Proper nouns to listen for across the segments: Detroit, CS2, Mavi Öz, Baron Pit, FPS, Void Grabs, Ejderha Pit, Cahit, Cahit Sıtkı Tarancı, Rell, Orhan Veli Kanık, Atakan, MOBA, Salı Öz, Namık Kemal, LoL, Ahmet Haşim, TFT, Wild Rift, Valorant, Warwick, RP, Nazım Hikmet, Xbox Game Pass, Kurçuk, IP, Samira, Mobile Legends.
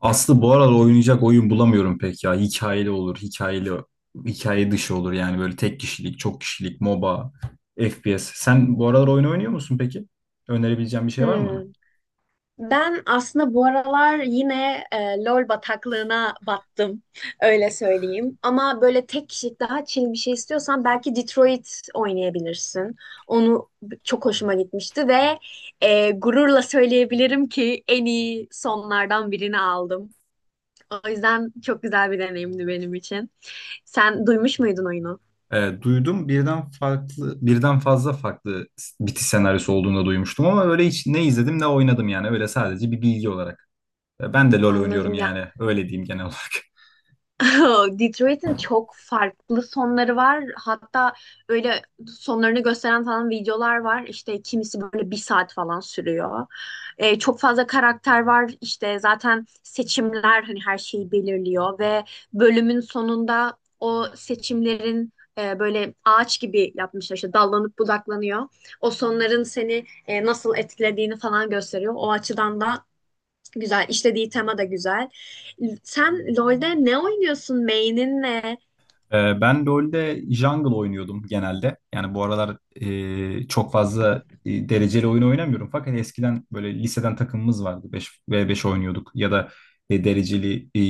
Aslı bu aralar oynayacak oyun bulamıyorum pek ya. Hikayeli olur, hikayeli, hikaye dışı olur yani böyle tek kişilik, çok kişilik, MOBA, FPS. Sen bu aralar oyun oynuyor musun peki? Önerebileceğin bir şey var mı Hmm. bana? Ben aslında bu aralar yine LOL bataklığına battım, öyle söyleyeyim. Ama böyle tek kişilik daha chill bir şey istiyorsan belki Detroit oynayabilirsin. Onu çok hoşuma gitmişti ve gururla söyleyebilirim ki en iyi sonlardan birini aldım. O yüzden çok güzel bir deneyimdi benim için. Sen duymuş muydun oyunu? Duydum birden fazla farklı bitiş senaryosu olduğunu da duymuştum ama öyle hiç ne izledim ne oynadım yani öyle sadece bir bilgi olarak. Ben de LoL oynuyorum Anladım. yani öyle diyeyim genel olarak. Detroit'in çok farklı sonları var. Hatta öyle sonlarını gösteren falan videolar var. İşte kimisi böyle bir saat falan sürüyor. Çok fazla karakter var. İşte zaten seçimler hani her şeyi belirliyor ve bölümün sonunda o seçimlerin böyle ağaç gibi yapmışlar. İşte dallanıp budaklanıyor. O sonların seni nasıl etkilediğini falan gösteriyor. O açıdan da güzel. İşlediği tema da güzel. Sen LoL'de ne oynuyorsun? Main'in ne? Ben LoL'de jungle oynuyordum genelde. Yani bu aralar çok fazla dereceli oyun oynamıyorum. Fakat hani eskiden böyle liseden takımımız vardı. 5v5 oynuyorduk ya da dereceli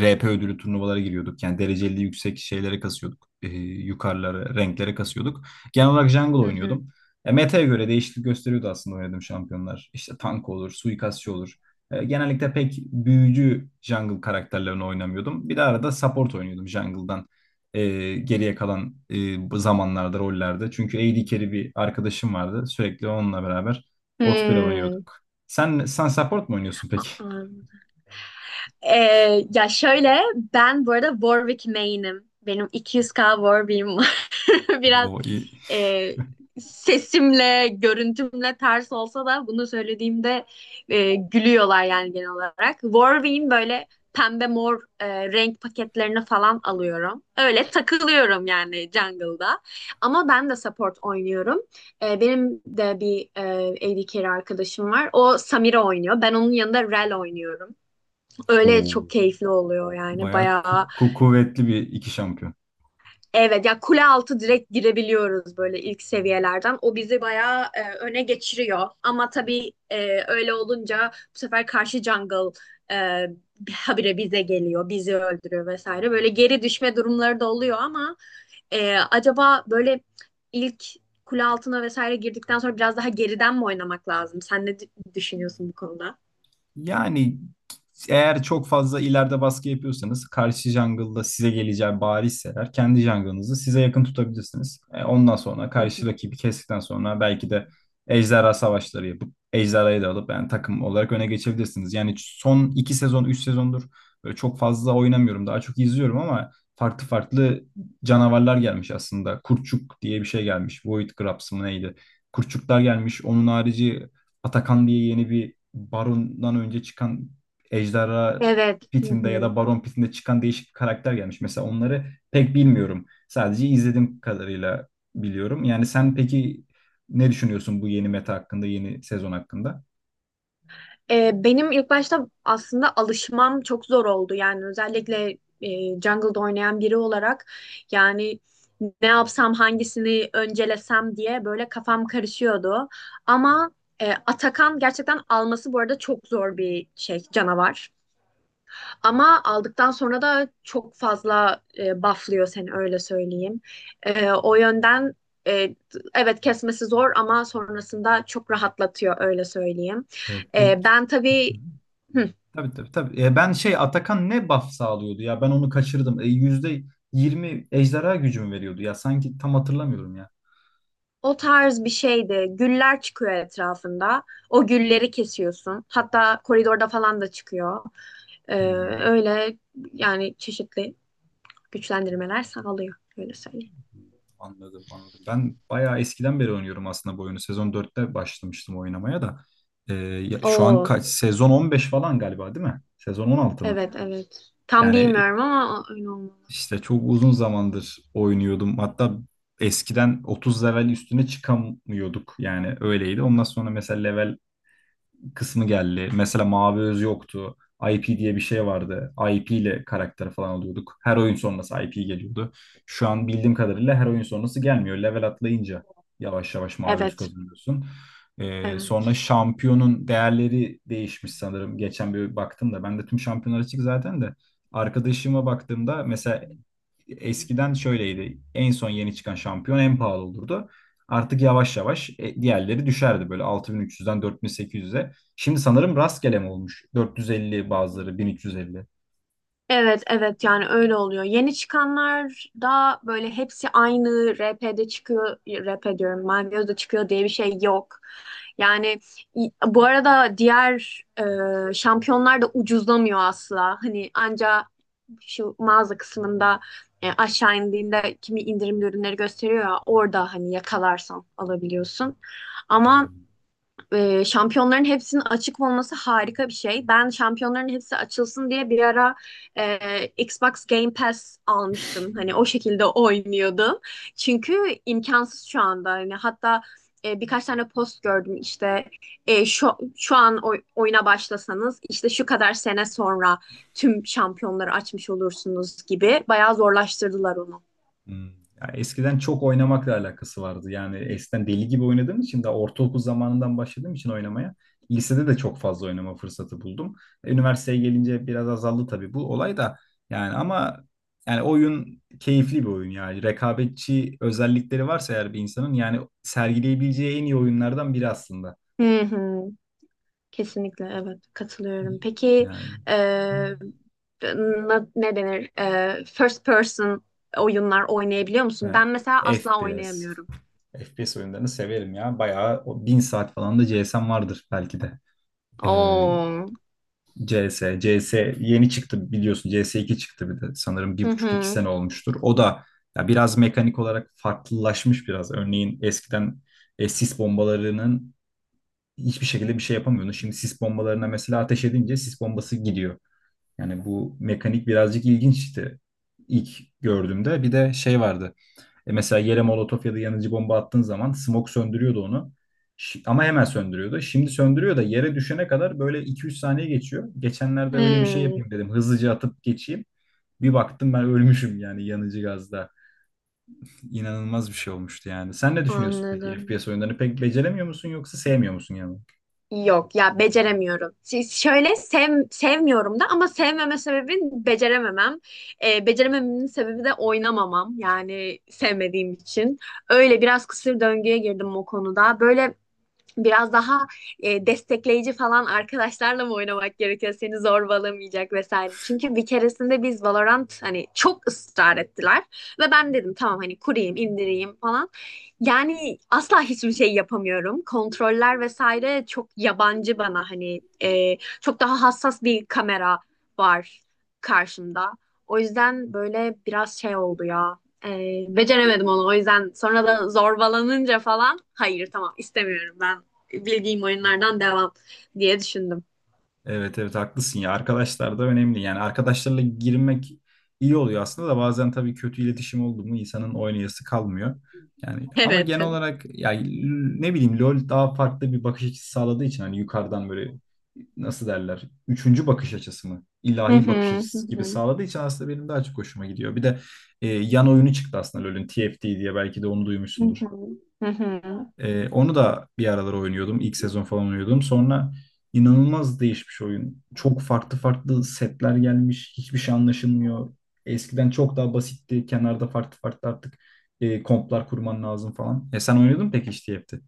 RP ödülü turnuvalara giriyorduk. Yani dereceli yüksek şeylere kasıyorduk. Yukarılara, renklere kasıyorduk. Genel olarak jungle Hı hı. oynuyordum. Meta'ya göre değişiklik gösteriyordu aslında oynadığım şampiyonlar. İşte tank olur, suikastçı olur. Genellikle pek büyücü jungle karakterlerini oynamıyordum. Bir de arada support oynuyordum jungle'dan geriye kalan bu zamanlarda rollerde. Çünkü A D carry bir arkadaşım vardı. Sürekli onunla beraber bot pire Hmm. oynuyorduk. Sen support mu oynuyorsun peki? Aa. Ya şöyle ben bu arada Warwick Maine'im. Benim 200K Warwick'im var. Biraz Oo, iyi. e, sesimle, görüntümle ters olsa da bunu söylediğimde gülüyorlar yani genel olarak. Warwick'in böyle pembe mor renk paketlerini falan alıyorum. Öyle takılıyorum yani jungle'da. Ama ben de support oynuyorum. Benim de bir AD carry arkadaşım var. O Samira oynuyor. Ben onun yanında Rell oynuyorum. Öyle çok Oo, keyifli oluyor yani bayağı bayağı. Kuvvetli bir iki şampiyon. Evet ya kule altı direkt girebiliyoruz böyle ilk seviyelerden. O bizi bayağı öne geçiriyor. Ama tabii öyle olunca bu sefer karşı jungle e, habire bize geliyor, bizi öldürüyor vesaire. Böyle geri düşme durumları da oluyor ama acaba böyle ilk kule altına vesaire girdikten sonra biraz daha geriden mi oynamak lazım? Sen ne düşünüyorsun bu konuda? Yani eğer çok fazla ileride baskı yapıyorsanız karşı jungle'da size geleceği barizse kendi jungle'ınızı size yakın tutabilirsiniz. Ondan sonra Hı karşı hı. rakibi kestikten sonra belki de ejderha savaşları yapıp ejderhayı da alıp yani takım olarak öne geçebilirsiniz. Yani son iki sezon, üç sezondur böyle çok fazla oynamıyorum. Daha çok izliyorum ama farklı farklı canavarlar gelmiş aslında. Kurçuk diye bir şey gelmiş. Void Grabs mı neydi? Kurçuklar gelmiş. Onun harici Atakan diye yeni bir Baron'dan önce çıkan Ejderha Evet. Hı Pit'inde ya hı. da Baron Pit'inde çıkan değişik bir karakter gelmiş. Mesela onları pek bilmiyorum. Sadece izlediğim kadarıyla biliyorum. Yani sen peki ne düşünüyorsun bu yeni meta hakkında, yeni sezon hakkında? Benim ilk başta aslında alışmam çok zor oldu. Yani özellikle jungle'da oynayan biri olarak yani ne yapsam hangisini öncelesem diye böyle kafam karışıyordu. Ama Atakan gerçekten alması bu arada çok zor bir şey canavar. Ama aldıktan sonra da çok fazla bufflıyor seni öyle söyleyeyim. O yönden e, evet kesmesi zor ama sonrasında çok rahatlatıyor öyle söyleyeyim. Pek Ben tabii hı, Tabii tabii tabii. Ben şey Atakan ne buff sağlıyordu ya ben onu kaçırdım. %20 ejderha gücümü veriyordu ya sanki tam hatırlamıyorum ya. o tarz bir şeydi. Güller çıkıyor etrafında. O gülleri kesiyorsun. Hatta koridorda falan da çıkıyor. E, Hmm, öyle yani çeşitli güçlendirmeler sağlıyor öyle söyleyeyim. anladım anladım. Ben bayağı eskiden beri oynuyorum aslında bu oyunu. Sezon dörtte başlamıştım oynamaya da. Şu an Oo, kaç? Sezon 15 falan galiba değil mi? Sezon 16 mı? evet evet. Tam Yani bilmiyorum ama öyle olmalı. işte çok uzun zamandır oynuyordum. Hatta eskiden 30 level üstüne çıkamıyorduk. Yani öyleydi. Ondan sonra mesela level kısmı geldi. Mesela Mavi Öz yoktu. IP diye bir şey vardı. IP ile karakter falan alıyorduk. Her oyun sonrası IP geliyordu. Şu an bildiğim kadarıyla her oyun sonrası gelmiyor. Level atlayınca yavaş yavaş Mavi Öz Evet. kazanıyorsun. Sonra Evet. şampiyonun değerleri değişmiş sanırım. Geçen bir baktım da ben de tüm şampiyonlar açık zaten de. Arkadaşıma baktığımda mesela eskiden şöyleydi. En son yeni çıkan şampiyon en pahalı olurdu. Artık yavaş yavaş diğerleri düşerdi böyle 6300'den 4800'e. Şimdi sanırım rastgele mi olmuş? 450 bazıları 1350. Evet, evet yani öyle oluyor. Yeni çıkanlar da böyle hepsi aynı RP'de çıkıyor, RP diyorum, Mavioz'da çıkıyor diye bir şey yok. Yani bu arada diğer şampiyonlar da ucuzlamıyor asla. Hani anca şu mağaza kısmında aşağı indiğinde kimi indirimli ürünleri gösteriyor ya orada hani yakalarsan alabiliyorsun. Ama Hmm. Şampiyonların hepsinin açık olması harika bir şey. Ben şampiyonların hepsi açılsın diye bir ara Xbox Game Pass almıştım. Hani o şekilde oynuyordum. Çünkü imkansız şu anda. Hani hatta birkaç tane post gördüm işte e, şu şu an oyuna başlasanız işte şu kadar sene sonra tüm şampiyonları açmış olursunuz gibi bayağı zorlaştırdılar onu. Hmm. Ya eskiden çok oynamakla alakası vardı. Yani eskiden deli gibi oynadığım için de ortaokul zamanından başladığım için oynamaya lisede de çok fazla oynama fırsatı buldum. Üniversiteye gelince biraz azaldı tabii bu olay da. Yani ama yani oyun keyifli bir oyun yani. Rekabetçi özellikleri varsa eğer bir insanın yani sergileyebileceği en iyi oyunlardan biri aslında. Hı hı. Kesinlikle evet katılıyorum. Peki Yani, eee, ne denir? First person oyunlar oynayabiliyor musun? yani Ben mesela asla FPS. oynayamıyorum. FPS oyunlarını severim ya. Bayağı o bin saat falan da CS'm vardır belki de. Ee, Oo. CS yeni çıktı biliyorsun. CS2 çıktı bir de sanırım Hı bir buçuk iki hı. sene olmuştur. O da ya biraz mekanik olarak farklılaşmış biraz. Örneğin eskiden sis bombalarının hiçbir şekilde bir şey yapamıyordun. Şimdi sis bombalarına mesela ateş edince sis bombası gidiyor. Yani bu mekanik birazcık ilginçti ilk gördüğümde. Bir de şey vardı. Mesela yere molotof ya da yanıcı bomba attığın zaman smoke söndürüyordu onu. Ama hemen söndürüyordu. Şimdi söndürüyor da yere düşene kadar böyle 2-3 saniye geçiyor. Geçenlerde öyle bir şey Hmm, yapayım dedim. Hızlıca atıp geçeyim. Bir baktım ben ölmüşüm yani yanıcı gazda. İnanılmaz bir şey olmuştu yani. Sen ne düşünüyorsun peki? anladım. FPS oyunlarını pek beceremiyor musun yoksa sevmiyor musun yani? Yok ya beceremiyorum. Şöyle sevmiyorum da ama sevmeme sebebim becerememem. Beceremememin sebebi de oynamamam. Yani sevmediğim için. Öyle biraz kısır döngüye girdim o konuda. Böyle biraz daha destekleyici falan arkadaşlarla mı oynamak gerekiyor? Seni zorbalamayacak vesaire. Çünkü bir keresinde biz Valorant hani çok ısrar ettiler ve ben dedim tamam hani kurayım, indireyim falan. Yani asla hiçbir şey yapamıyorum. Kontroller vesaire çok yabancı bana hani çok daha hassas bir kamera var karşımda. O yüzden böyle biraz şey oldu ya. E, beceremedim onu. O yüzden sonra da zorbalanınca falan hayır tamam istemiyorum ben bildiğim oyunlardan devam diye düşündüm. Evet evet haklısın ya arkadaşlar da önemli yani arkadaşlarla girmek iyi oluyor aslında da bazen tabii kötü iletişim oldu mu insanın oynayası kalmıyor. Yani ama Evet. genel olarak ya ne bileyim LoL daha farklı bir bakış açısı sağladığı için hani yukarıdan böyle nasıl derler üçüncü bakış açısı mı Hı ilahi hı, bakış hı açısı gibi hı, sağladığı için aslında benim daha çok hoşuma gidiyor. Bir de yan oyunu çıktı aslında LoL'ün TFT diye belki de onu hı duymuşsundur. hı, hı hı. Onu da bir aralar oynuyordum. İlk sezon falan oynuyordum. Sonra inanılmaz değişmiş oyun. Çok farklı farklı setler gelmiş. Hiçbir şey anlaşılmıyor. Eskiden çok daha basitti. Kenarda farklı farklı artık komplar kurman lazım falan. Sen oynuyordun mu peki işte hepti.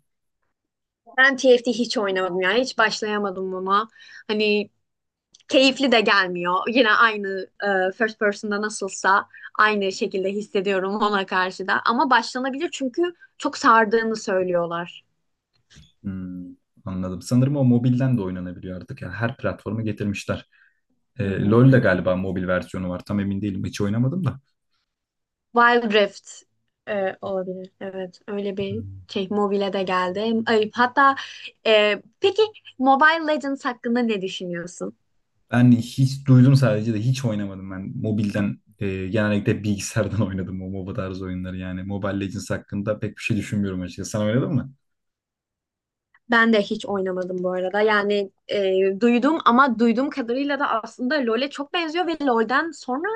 Ben TFT hiç oynamadım yani. Hiç başlayamadım ona. Hani keyifli de gelmiyor. Yine aynı first person'da nasılsa aynı şekilde hissediyorum ona karşı da. Ama başlanabilir çünkü çok sardığını söylüyorlar. Hmm, anladım. Sanırım o mobilden de oynanabiliyor artık. Yani her platforma getirmişler. Hı LoL de hı. galiba mobil versiyonu var. Tam emin değilim. Hiç oynamadım da. Wild Rift olabilir. Evet, öyle bir Hmm. şey mobile de geldi. Ay, hatta peki Mobile Legends hakkında ne düşünüyorsun? Ben hiç duydum sadece de hiç oynamadım ben. Mobilden genellikle bilgisayardan oynadım o MOBA tarzı oyunları yani. Mobile Legends hakkında pek bir şey düşünmüyorum açıkçası. Sen oynadın mı? Ben de hiç oynamadım bu arada. Yani duydum ama duyduğum kadarıyla da aslında LoL'e çok benziyor ve LoL'den sonra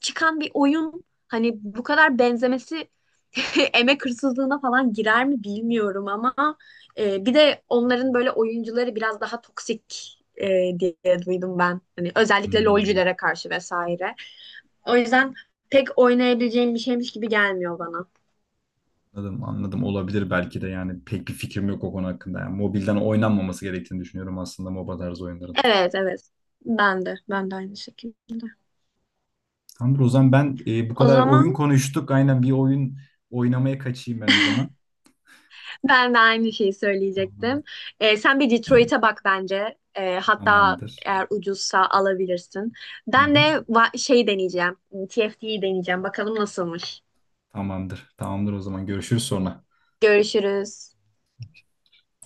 çıkan bir oyun hani bu kadar benzemesi emek hırsızlığına falan girer mi bilmiyorum ama bir de onların böyle oyuncuları biraz daha toksik diye duydum ben. Hani özellikle Hmm, LoL'cülere karşı vesaire. O yüzden pek oynayabileceğim bir şeymiş gibi gelmiyor bana. anladım anladım olabilir belki de yani pek bir fikrim yok o konu hakkında. Yani mobilden oynanmaması gerektiğini düşünüyorum aslında MOBA tarzı oyunların. Evet evet. Ben de. Ben de aynı şekilde. Tamamdır o zaman ben bu O kadar zaman. oyun konuştuk. Aynen bir oyun oynamaya kaçayım ben o zaman. Ben de aynı şeyi söyleyecektim. Tamam, Sen bir Detroit'e bak bence. Hatta tamamdır. eğer ucuzsa alabilirsin. Hı Ben de hı. Şey deneyeceğim. TFT'yi deneyeceğim. Bakalım nasılmış. Tamamdır. Tamamdır o zaman görüşürüz sonra. Görüşürüz.